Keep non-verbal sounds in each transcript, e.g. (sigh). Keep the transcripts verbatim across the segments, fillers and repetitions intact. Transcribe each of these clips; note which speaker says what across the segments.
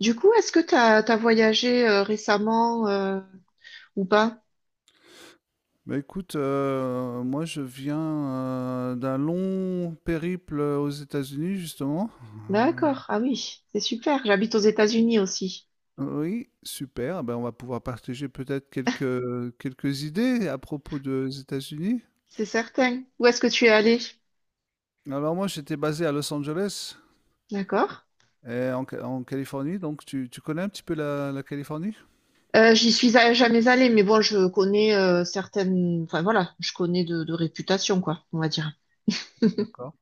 Speaker 1: Du coup, est-ce que t'as t'as voyagé euh, récemment euh, ou pas?
Speaker 2: Bah écoute, euh, moi je viens euh, d'un long périple aux États-Unis justement.
Speaker 1: D'accord. Ah oui, c'est super. J'habite aux États-Unis aussi.
Speaker 2: Euh, oui, super. Ben on va pouvoir partager peut-être quelques, quelques idées à propos des États-Unis.
Speaker 1: C'est certain. Où est-ce que tu es allé?
Speaker 2: Alors moi j'étais basé à Los Angeles
Speaker 1: D'accord.
Speaker 2: et en, Ca- en Californie, donc tu, tu connais un petit peu la, la Californie?
Speaker 1: Euh, j'y suis a- jamais allée, mais bon, je connais euh, certaines. Enfin voilà, je connais de, de réputation, quoi, on va dire.
Speaker 2: D'accord.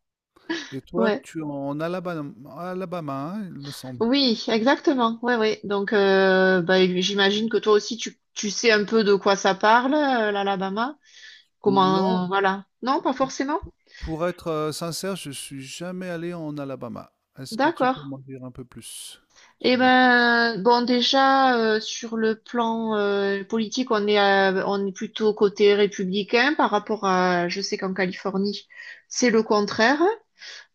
Speaker 2: Et toi,
Speaker 1: Ouais.
Speaker 2: tu es en Alabama, Alabama, hein, il me semble.
Speaker 1: Oui, exactement. Ouais, ouais. Donc, euh, bah, j'imagine que toi aussi, tu tu sais un peu de quoi ça parle, euh, l'Alabama.
Speaker 2: Non?
Speaker 1: Comment, voilà. Non, pas forcément.
Speaker 2: Pour être, heu, sincère, je suis jamais allé en Alabama. Est-ce que tu
Speaker 1: D'accord.
Speaker 2: peux m'en dire un peu plus
Speaker 1: Eh
Speaker 2: sur la
Speaker 1: ben, bon, déjà, euh, sur le plan euh, politique, on est, euh, on est plutôt côté républicain par rapport à, je sais qu'en Californie, c'est le contraire.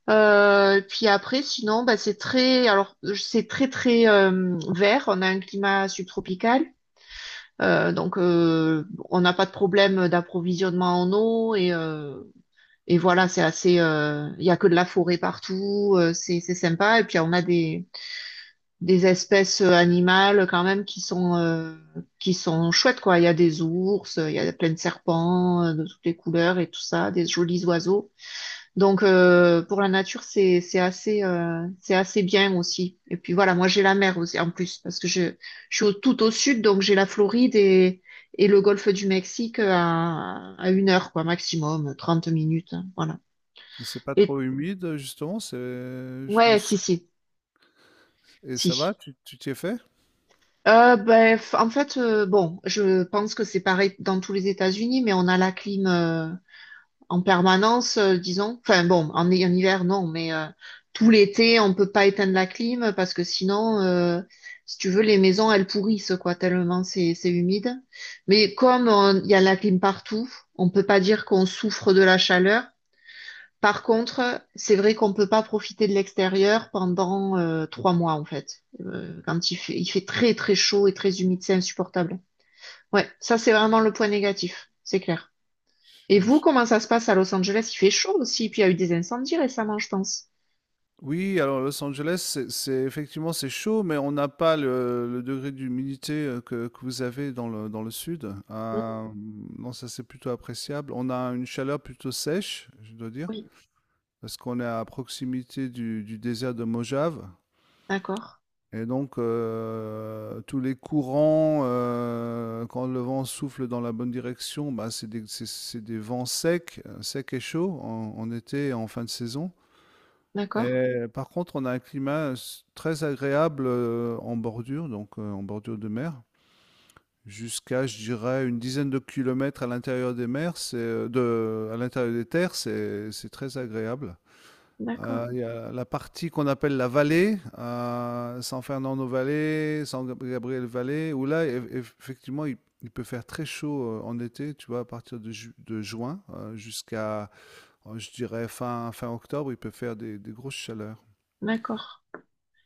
Speaker 1: Euh, puis après, sinon, bah, c'est très, alors, c'est très, très euh, vert. On a un climat subtropical. Euh, donc, euh, on n'a pas de problème d'approvisionnement en eau et, euh, et voilà, c'est assez, euh, il y a que de la forêt partout, euh, c'est, c'est sympa. Et puis, on a des des espèces euh, animales quand même qui sont euh, qui sont chouettes quoi. Il y a des ours, il y a plein de serpents euh, de toutes les couleurs et tout ça, des jolis oiseaux. Donc euh, pour la nature c'est c'est assez euh, c'est assez bien aussi. Et puis voilà, moi j'ai la mer aussi en plus parce que je je suis au- tout au sud, donc j'ai la Floride et et le golfe du Mexique à à une heure quoi maximum, trente minutes, hein, voilà.
Speaker 2: c'est pas
Speaker 1: Et
Speaker 2: trop humide, justement? C'est je me
Speaker 1: ouais,
Speaker 2: sou
Speaker 1: si si
Speaker 2: Et ça va?
Speaker 1: si.
Speaker 2: Tu tu t'y es fait?
Speaker 1: Euh, ben, f- en fait, euh, bon, je pense que c'est pareil dans tous les États-Unis, mais on a la clim euh, en permanence, euh, disons. Enfin bon, en, hi- en hiver, non, mais euh, tout l'été, on peut pas éteindre la clim parce que sinon, euh, si tu veux, les maisons, elles pourrissent, quoi, tellement c'est c'est humide. Mais comme on- il y a la clim partout, on peut pas dire qu'on souffre de la chaleur. Par contre, c'est vrai qu'on peut pas profiter de l'extérieur pendant euh, trois mois en fait. Euh, quand il fait, il fait très très chaud et très humide, c'est insupportable. Ouais, ça c'est vraiment le point négatif, c'est clair. Et vous,
Speaker 2: J'imagine.
Speaker 1: comment ça se passe à Los Angeles? Il fait chaud aussi, puis il y a eu des incendies récemment, je pense.
Speaker 2: Oui, alors Los Angeles, c'est c'est effectivement, c'est chaud, mais on n'a pas le le degré d'humidité, heu, que que vous avez dans le dans le sud.
Speaker 1: Mm.
Speaker 2: Hem, non, ça, c'est plutôt appréciable. On a une chaleur plutôt sèche, je dois dire,
Speaker 1: Oui,
Speaker 2: parce qu'on est à proximité du du désert de Mojave.
Speaker 1: d'accord,
Speaker 2: Et donc, heu, tous les courants, heu, quand le vent souffle dans la bonne direction, bah, c'est des c'est c'est des vents secs, heu, secs et chauds en en été et en fin de saison,
Speaker 1: d'accord,
Speaker 2: et par contre, on a un climat s très agréable, heu, en bordure, donc heu, en bordure de mer. Jusqu'à, je dirais, une dizaine de kilomètres à l'intérieur des mers, c'est, heu, de à l'intérieur des terres, c'est c'est très agréable.
Speaker 1: d'accord,
Speaker 2: Euh, il y a la partie qu'on appelle la vallée, euh, San Fernando Valley, San Gabriel Valley, où là, eff- eff- effectivement, il, il peut faire très chaud euh, en été, tu vois, à partir de, ju- de juin euh, jusqu'à, euh, je dirais, fin, fin octobre, il peut faire des, des grosses chaleurs.
Speaker 1: d'accord.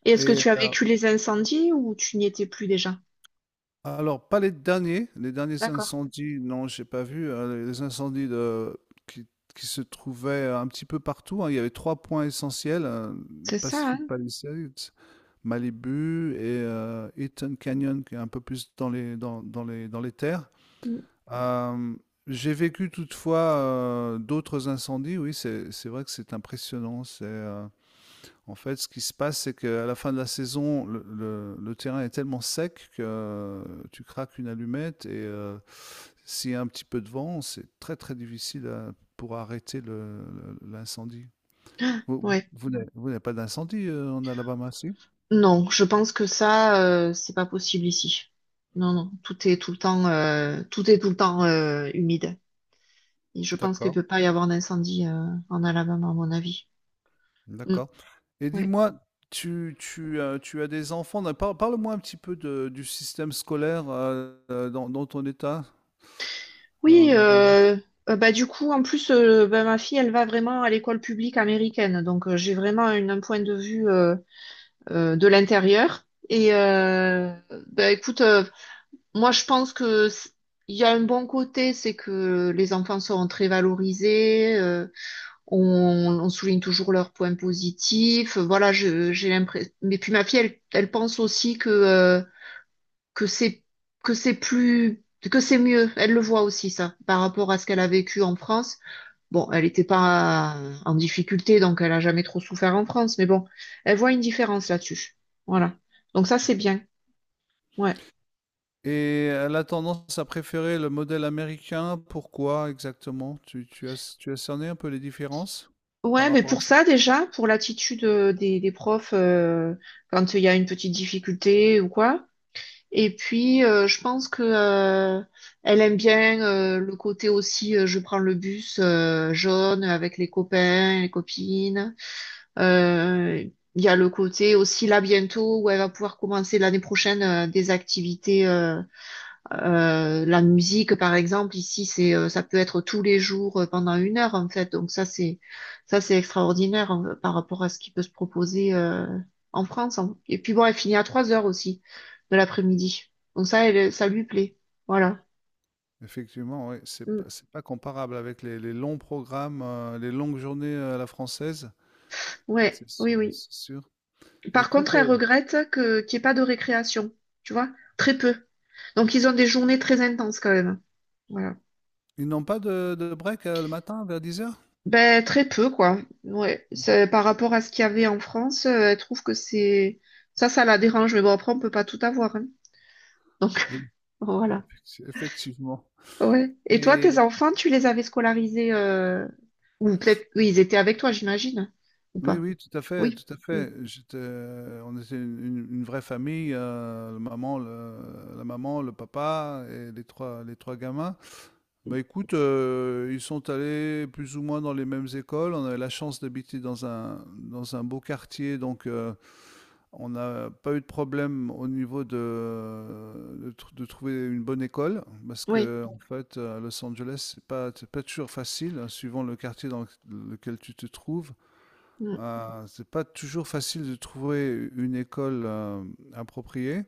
Speaker 1: Et est-ce que
Speaker 2: Et
Speaker 1: tu as vécu les incendies ou tu n'y étais plus déjà?
Speaker 2: alors, pas les derniers, les derniers
Speaker 1: D'accord,
Speaker 2: incendies, non, j'ai pas vu, euh, les incendies de, qui, qui se trouvaient un petit peu partout, hein, il y avait trois points essentiels, euh, le
Speaker 1: c'est ça,
Speaker 2: Pacific
Speaker 1: hein?
Speaker 2: Palisades. Malibu et euh, Eaton Canyon, qui est un peu plus dans les, dans, dans les, dans les terres.
Speaker 1: Mm.
Speaker 2: Euh, j'ai vécu toutefois euh, d'autres incendies. Oui, c'est, c'est vrai que c'est impressionnant. C'est, euh, en fait, ce qui se passe, c'est qu'à la fin de la saison, le, le- le terrain est tellement sec que euh, tu craques une allumette et euh, s'il y a un petit peu de vent, c'est très très difficile à- pour arrêter le- le- l'incendie. Vous,
Speaker 1: Ouais.
Speaker 2: vous n'avez vous n'avez pas d'incendie euh, en Alabama, si?
Speaker 1: Non, je pense que ça, euh, c'est pas possible ici. Non, non, tout est tout le temps, euh, tout est tout le temps euh, humide. Et je pense qu'il
Speaker 2: D'accord.
Speaker 1: peut pas y avoir d'incendie euh, en Alabama, à mon avis. Mm,
Speaker 2: D'accord. Et
Speaker 1: ouais.
Speaker 2: dis-moi, tu, tu, euh, tu as des enfants. Non, par- parle-moi un petit peu de- du système scolaire euh, euh, dans, dans ton état,
Speaker 1: Oui,
Speaker 2: en Alabama.
Speaker 1: euh, euh, bah du coup, en plus, euh, bah, ma fille, elle va vraiment à l'école publique américaine, donc euh, j'ai vraiment une- un point de vue euh, euh, de l'intérieur. Et euh, bah écoute, euh, moi, je pense que c- il y a un bon côté, c'est que les enfants seront très valorisés. euh, On, on souligne toujours leurs points positifs. Voilà, je- j'ai l'impression. Mais puis ma fille, elle, elle pense aussi que euh, que c'est que c'est plus que c'est mieux. Elle le voit aussi ça par rapport à ce qu'elle a vécu en France. Bon, elle n'était pas en difficulté, donc elle a jamais trop souffert en France. Mais bon, elle voit une différence là-dessus. Voilà. Donc ça, c'est bien. Ouais.
Speaker 2: Et elle a tendance à préférer le modèle américain. Pourquoi exactement? Tu, tu as, tu as cerné un peu les différences par
Speaker 1: Ouais, mais
Speaker 2: rapport à
Speaker 1: pour
Speaker 2: ça?
Speaker 1: ça déjà, pour l'attitude euh, des, des profs euh, quand il y a une petite difficulté ou quoi. Et puis, euh, je pense que euh, elle aime bien euh, le côté aussi, euh, je prends le bus euh, jaune avec les copains, les copines. Euh, Il y a le côté aussi là bientôt où elle va pouvoir commencer l'année prochaine euh, des activités. Euh, euh, la musique, par exemple, ici, c'est, euh, ça peut être tous les jours euh, pendant une heure, en fait. Donc ça, c'est, ça, c'est extraordinaire euh, par rapport à ce qui peut se proposer euh, en France, hein. Et puis bon, elle finit à trois heures aussi de l'après-midi. Donc ça, elle, ça lui plaît. Voilà.
Speaker 2: Effectivement, oui, c'est
Speaker 1: Mm.
Speaker 2: pas, c'est pas comparable avec les, les longs programmes, euh, les longues journées euh, à la française.
Speaker 1: Ouais,
Speaker 2: C'est sûr,
Speaker 1: oui, oui.
Speaker 2: c'est sûr.
Speaker 1: Par
Speaker 2: Écoute,
Speaker 1: contre, elle
Speaker 2: euh,
Speaker 1: regrette que qu'il n'y ait pas de récréation, tu vois, très peu. Donc ils ont des journées très intenses quand même. Voilà.
Speaker 2: ils n'ont pas de, de break euh, le matin vers dix heures?
Speaker 1: Ben, très peu, quoi. Ouais. C'est- Par rapport à ce qu'il y avait en France, euh, elle trouve que c'est... Ça, ça la dérange. Mais bon, après, on peut pas tout avoir, hein. Donc,
Speaker 2: Oui,
Speaker 1: (laughs) voilà.
Speaker 2: effecti- effectivement.
Speaker 1: Ouais. Et toi, tes enfants, tu les avais scolarisés. euh, Ou peut-être. Oui, ils étaient avec toi, j'imagine, hein. Ou
Speaker 2: Oui,
Speaker 1: pas?
Speaker 2: oui, tout à fait,
Speaker 1: Oui.
Speaker 2: tout à
Speaker 1: Mm.
Speaker 2: fait. J'étais, euh, on était une, une- une vraie famille, euh, le maman, le- la maman, le papa et les trois, les trois gamins. Bah écoute, euh, ils sont allés plus ou moins dans les mêmes écoles. On avait la chance d'habiter dans un, dans un beau quartier, donc euh, on n'a pas eu de problème au niveau de, de, tr- de trouver une bonne école, parce
Speaker 1: Oui.
Speaker 2: que en fait, à Los Angeles, c'est pas, c'est pas toujours facile, hein, suivant le quartier dans lequel tu te trouves.
Speaker 1: Mm.
Speaker 2: Euh, c'est pas toujours facile de trouver une école euh, appropriée.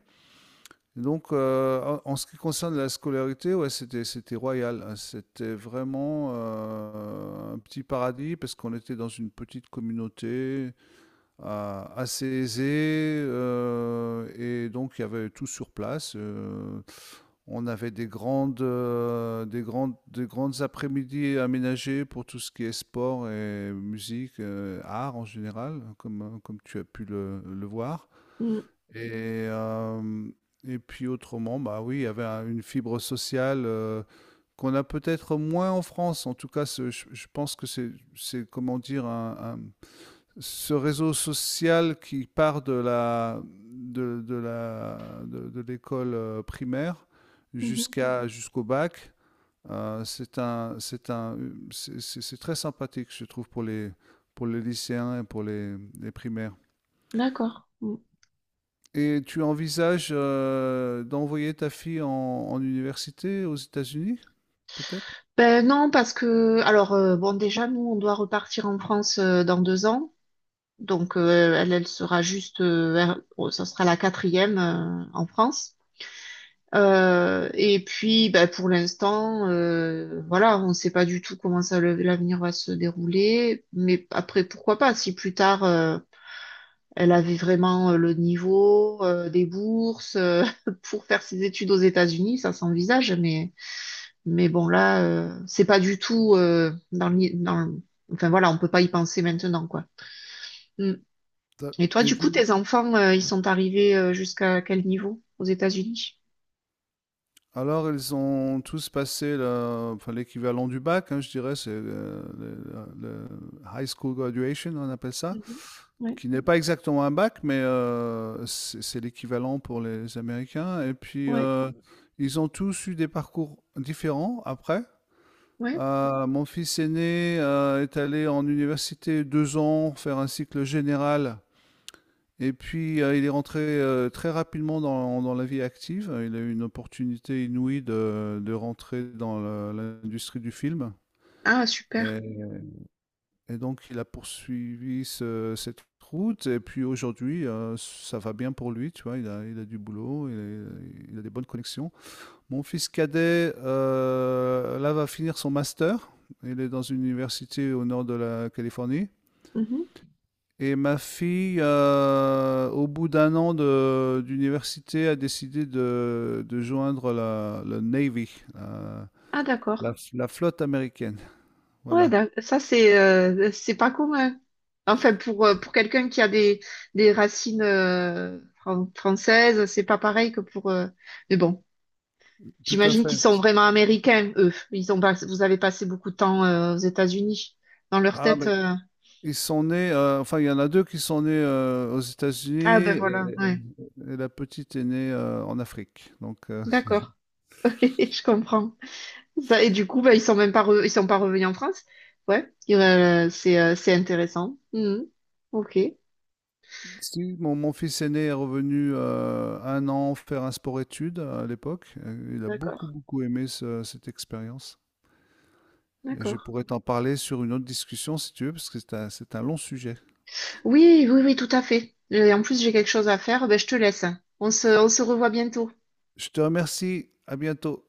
Speaker 2: Donc, euh, en en ce qui concerne la scolarité, ouais, c'était c'était royal, hein. C'était vraiment euh, un petit paradis parce qu'on était dans une petite communauté euh, assez aisée euh, et donc il y avait tout sur place. euh, On avait des grandes, euh, des grandes, des grandes après-midi aménagées pour tout ce qui est sport et musique, euh, art en général, comme, comme tu as pu le, le voir.
Speaker 1: Mm.
Speaker 2: Et, euh, et puis autrement, bah oui, il y avait un- une fibre sociale euh, qu'on a peut-être moins en France. En tout cas, ce- je, je pense que c'est, c'est, comment dire, un, un- ce réseau social qui part de la de, de la de, de l'école euh, primaire
Speaker 1: Mhm.
Speaker 2: jusqu'à jusqu'au bac euh, c'est un c'est un c'est- c'est c'est très sympathique je trouve pour les pour les lycéens et pour les, les primaires.
Speaker 1: D'accord. Mm.
Speaker 2: Et tu envisages euh, d'envoyer ta fille en, en université aux États-Unis peut-être.
Speaker 1: Ben non, parce que. Alors, euh, bon, déjà, nous, on doit repartir en France euh, dans deux ans. Donc, euh, elle, elle sera juste. Euh, vers- oh, ça sera la quatrième euh, en France. Euh, et puis, bah, pour l'instant, euh, voilà, on ne sait pas du tout comment ça le- l'avenir va se dérouler. Mais après, pourquoi pas, si plus tard, euh, elle avait vraiment euh, le niveau, euh, des bourses, euh, (laughs) pour faire ses études aux États-Unis, ça s'envisage. Mais, mais bon, là, euh, c'est pas du tout euh, dans le, dans le- Enfin voilà, on peut pas y penser maintenant, quoi. Mm.
Speaker 2: Ça-
Speaker 1: Et toi,
Speaker 2: mais
Speaker 1: du coup, tes
Speaker 2: dis-moi.
Speaker 1: enfants, euh, ils sont arrivés euh, jusqu'à quel niveau aux États-Unis?
Speaker 2: Alors, ils ont tous passé le- enfin, l'équivalent du bac, hein, je dirais, c'est le, le- le- high school graduation, on appelle ça,
Speaker 1: Mhm. Ouais,
Speaker 2: qui n'est pas exactement un bac, mais euh, c'est c'est l'équivalent pour les Américains. Et puis,
Speaker 1: ouais.
Speaker 2: euh, ils ont tous eu des parcours différents après.
Speaker 1: Ouais.
Speaker 2: Euh, mon fils aîné euh, est allé en université deux ans faire un cycle général et puis, heu, il est rentré, heu, très rapidement dans dans la vie active. Il a eu une opportunité inouïe de de rentrer dans le l'industrie du film
Speaker 1: Ah,
Speaker 2: et
Speaker 1: super.
Speaker 2: et donc il a poursuivi ce cette route et puis aujourd'hui, heu, ça va bien pour lui, tu vois? Il a il a du boulot, il est il a des bonnes connexions. Mon fils cadet, heu, là, va finir son master. Il est dans une université au nord de la Californie.
Speaker 1: Mhm.
Speaker 2: Et ma fille, euh, au bout d'un an de- d'université, a décidé de, de joindre la, le Navy, la,
Speaker 1: Ah,
Speaker 2: la-
Speaker 1: d'accord.
Speaker 2: la flotte américaine.
Speaker 1: Ouais,
Speaker 2: Voilà,
Speaker 1: d'ac- ça, c'est euh, c'est pas commun. Enfin, pour, euh, pour quelqu'un qui a des, des racines euh, fran- françaises, c'est pas pareil que pour. euh, Mais bon,
Speaker 2: tout à
Speaker 1: j'imagine
Speaker 2: fait.
Speaker 1: qu'ils sont vraiment américains, eux. Ils ont pas- Vous avez passé beaucoup de temps euh, aux États-Unis. Dans leur
Speaker 2: Ah,
Speaker 1: tête.
Speaker 2: mais
Speaker 1: euh,
Speaker 2: ils sont nés, euh, enfin, il y en a deux qui sont nés euh, aux États-Unis
Speaker 1: Ah, ben
Speaker 2: et,
Speaker 1: voilà, ouais.
Speaker 2: et la petite est née euh, en Afrique. Donc, euh,
Speaker 1: D'accord. (laughs) Je comprends. Ça, et du coup, ben, ils sont même pas re- ils sont pas revenus en France. Ouais. Euh, c'est euh, c'est intéressant. Mhm. Ok,
Speaker 2: (laughs) si mon, mon fils aîné est revenu euh, un an faire un sport-études à l'époque, euh, il a beaucoup,
Speaker 1: d'accord,
Speaker 2: beaucoup aimé ce- cette expérience. Et je
Speaker 1: d'accord.
Speaker 2: pourrais t'en parler sur une autre discussion si tu veux, parce que c'est un, c'est un long sujet.
Speaker 1: Oui, oui, oui, tout à fait. Et en plus, j'ai quelque chose à faire. Ben, je te laisse. On se, on se revoit bientôt.
Speaker 2: Je te remercie. À bientôt.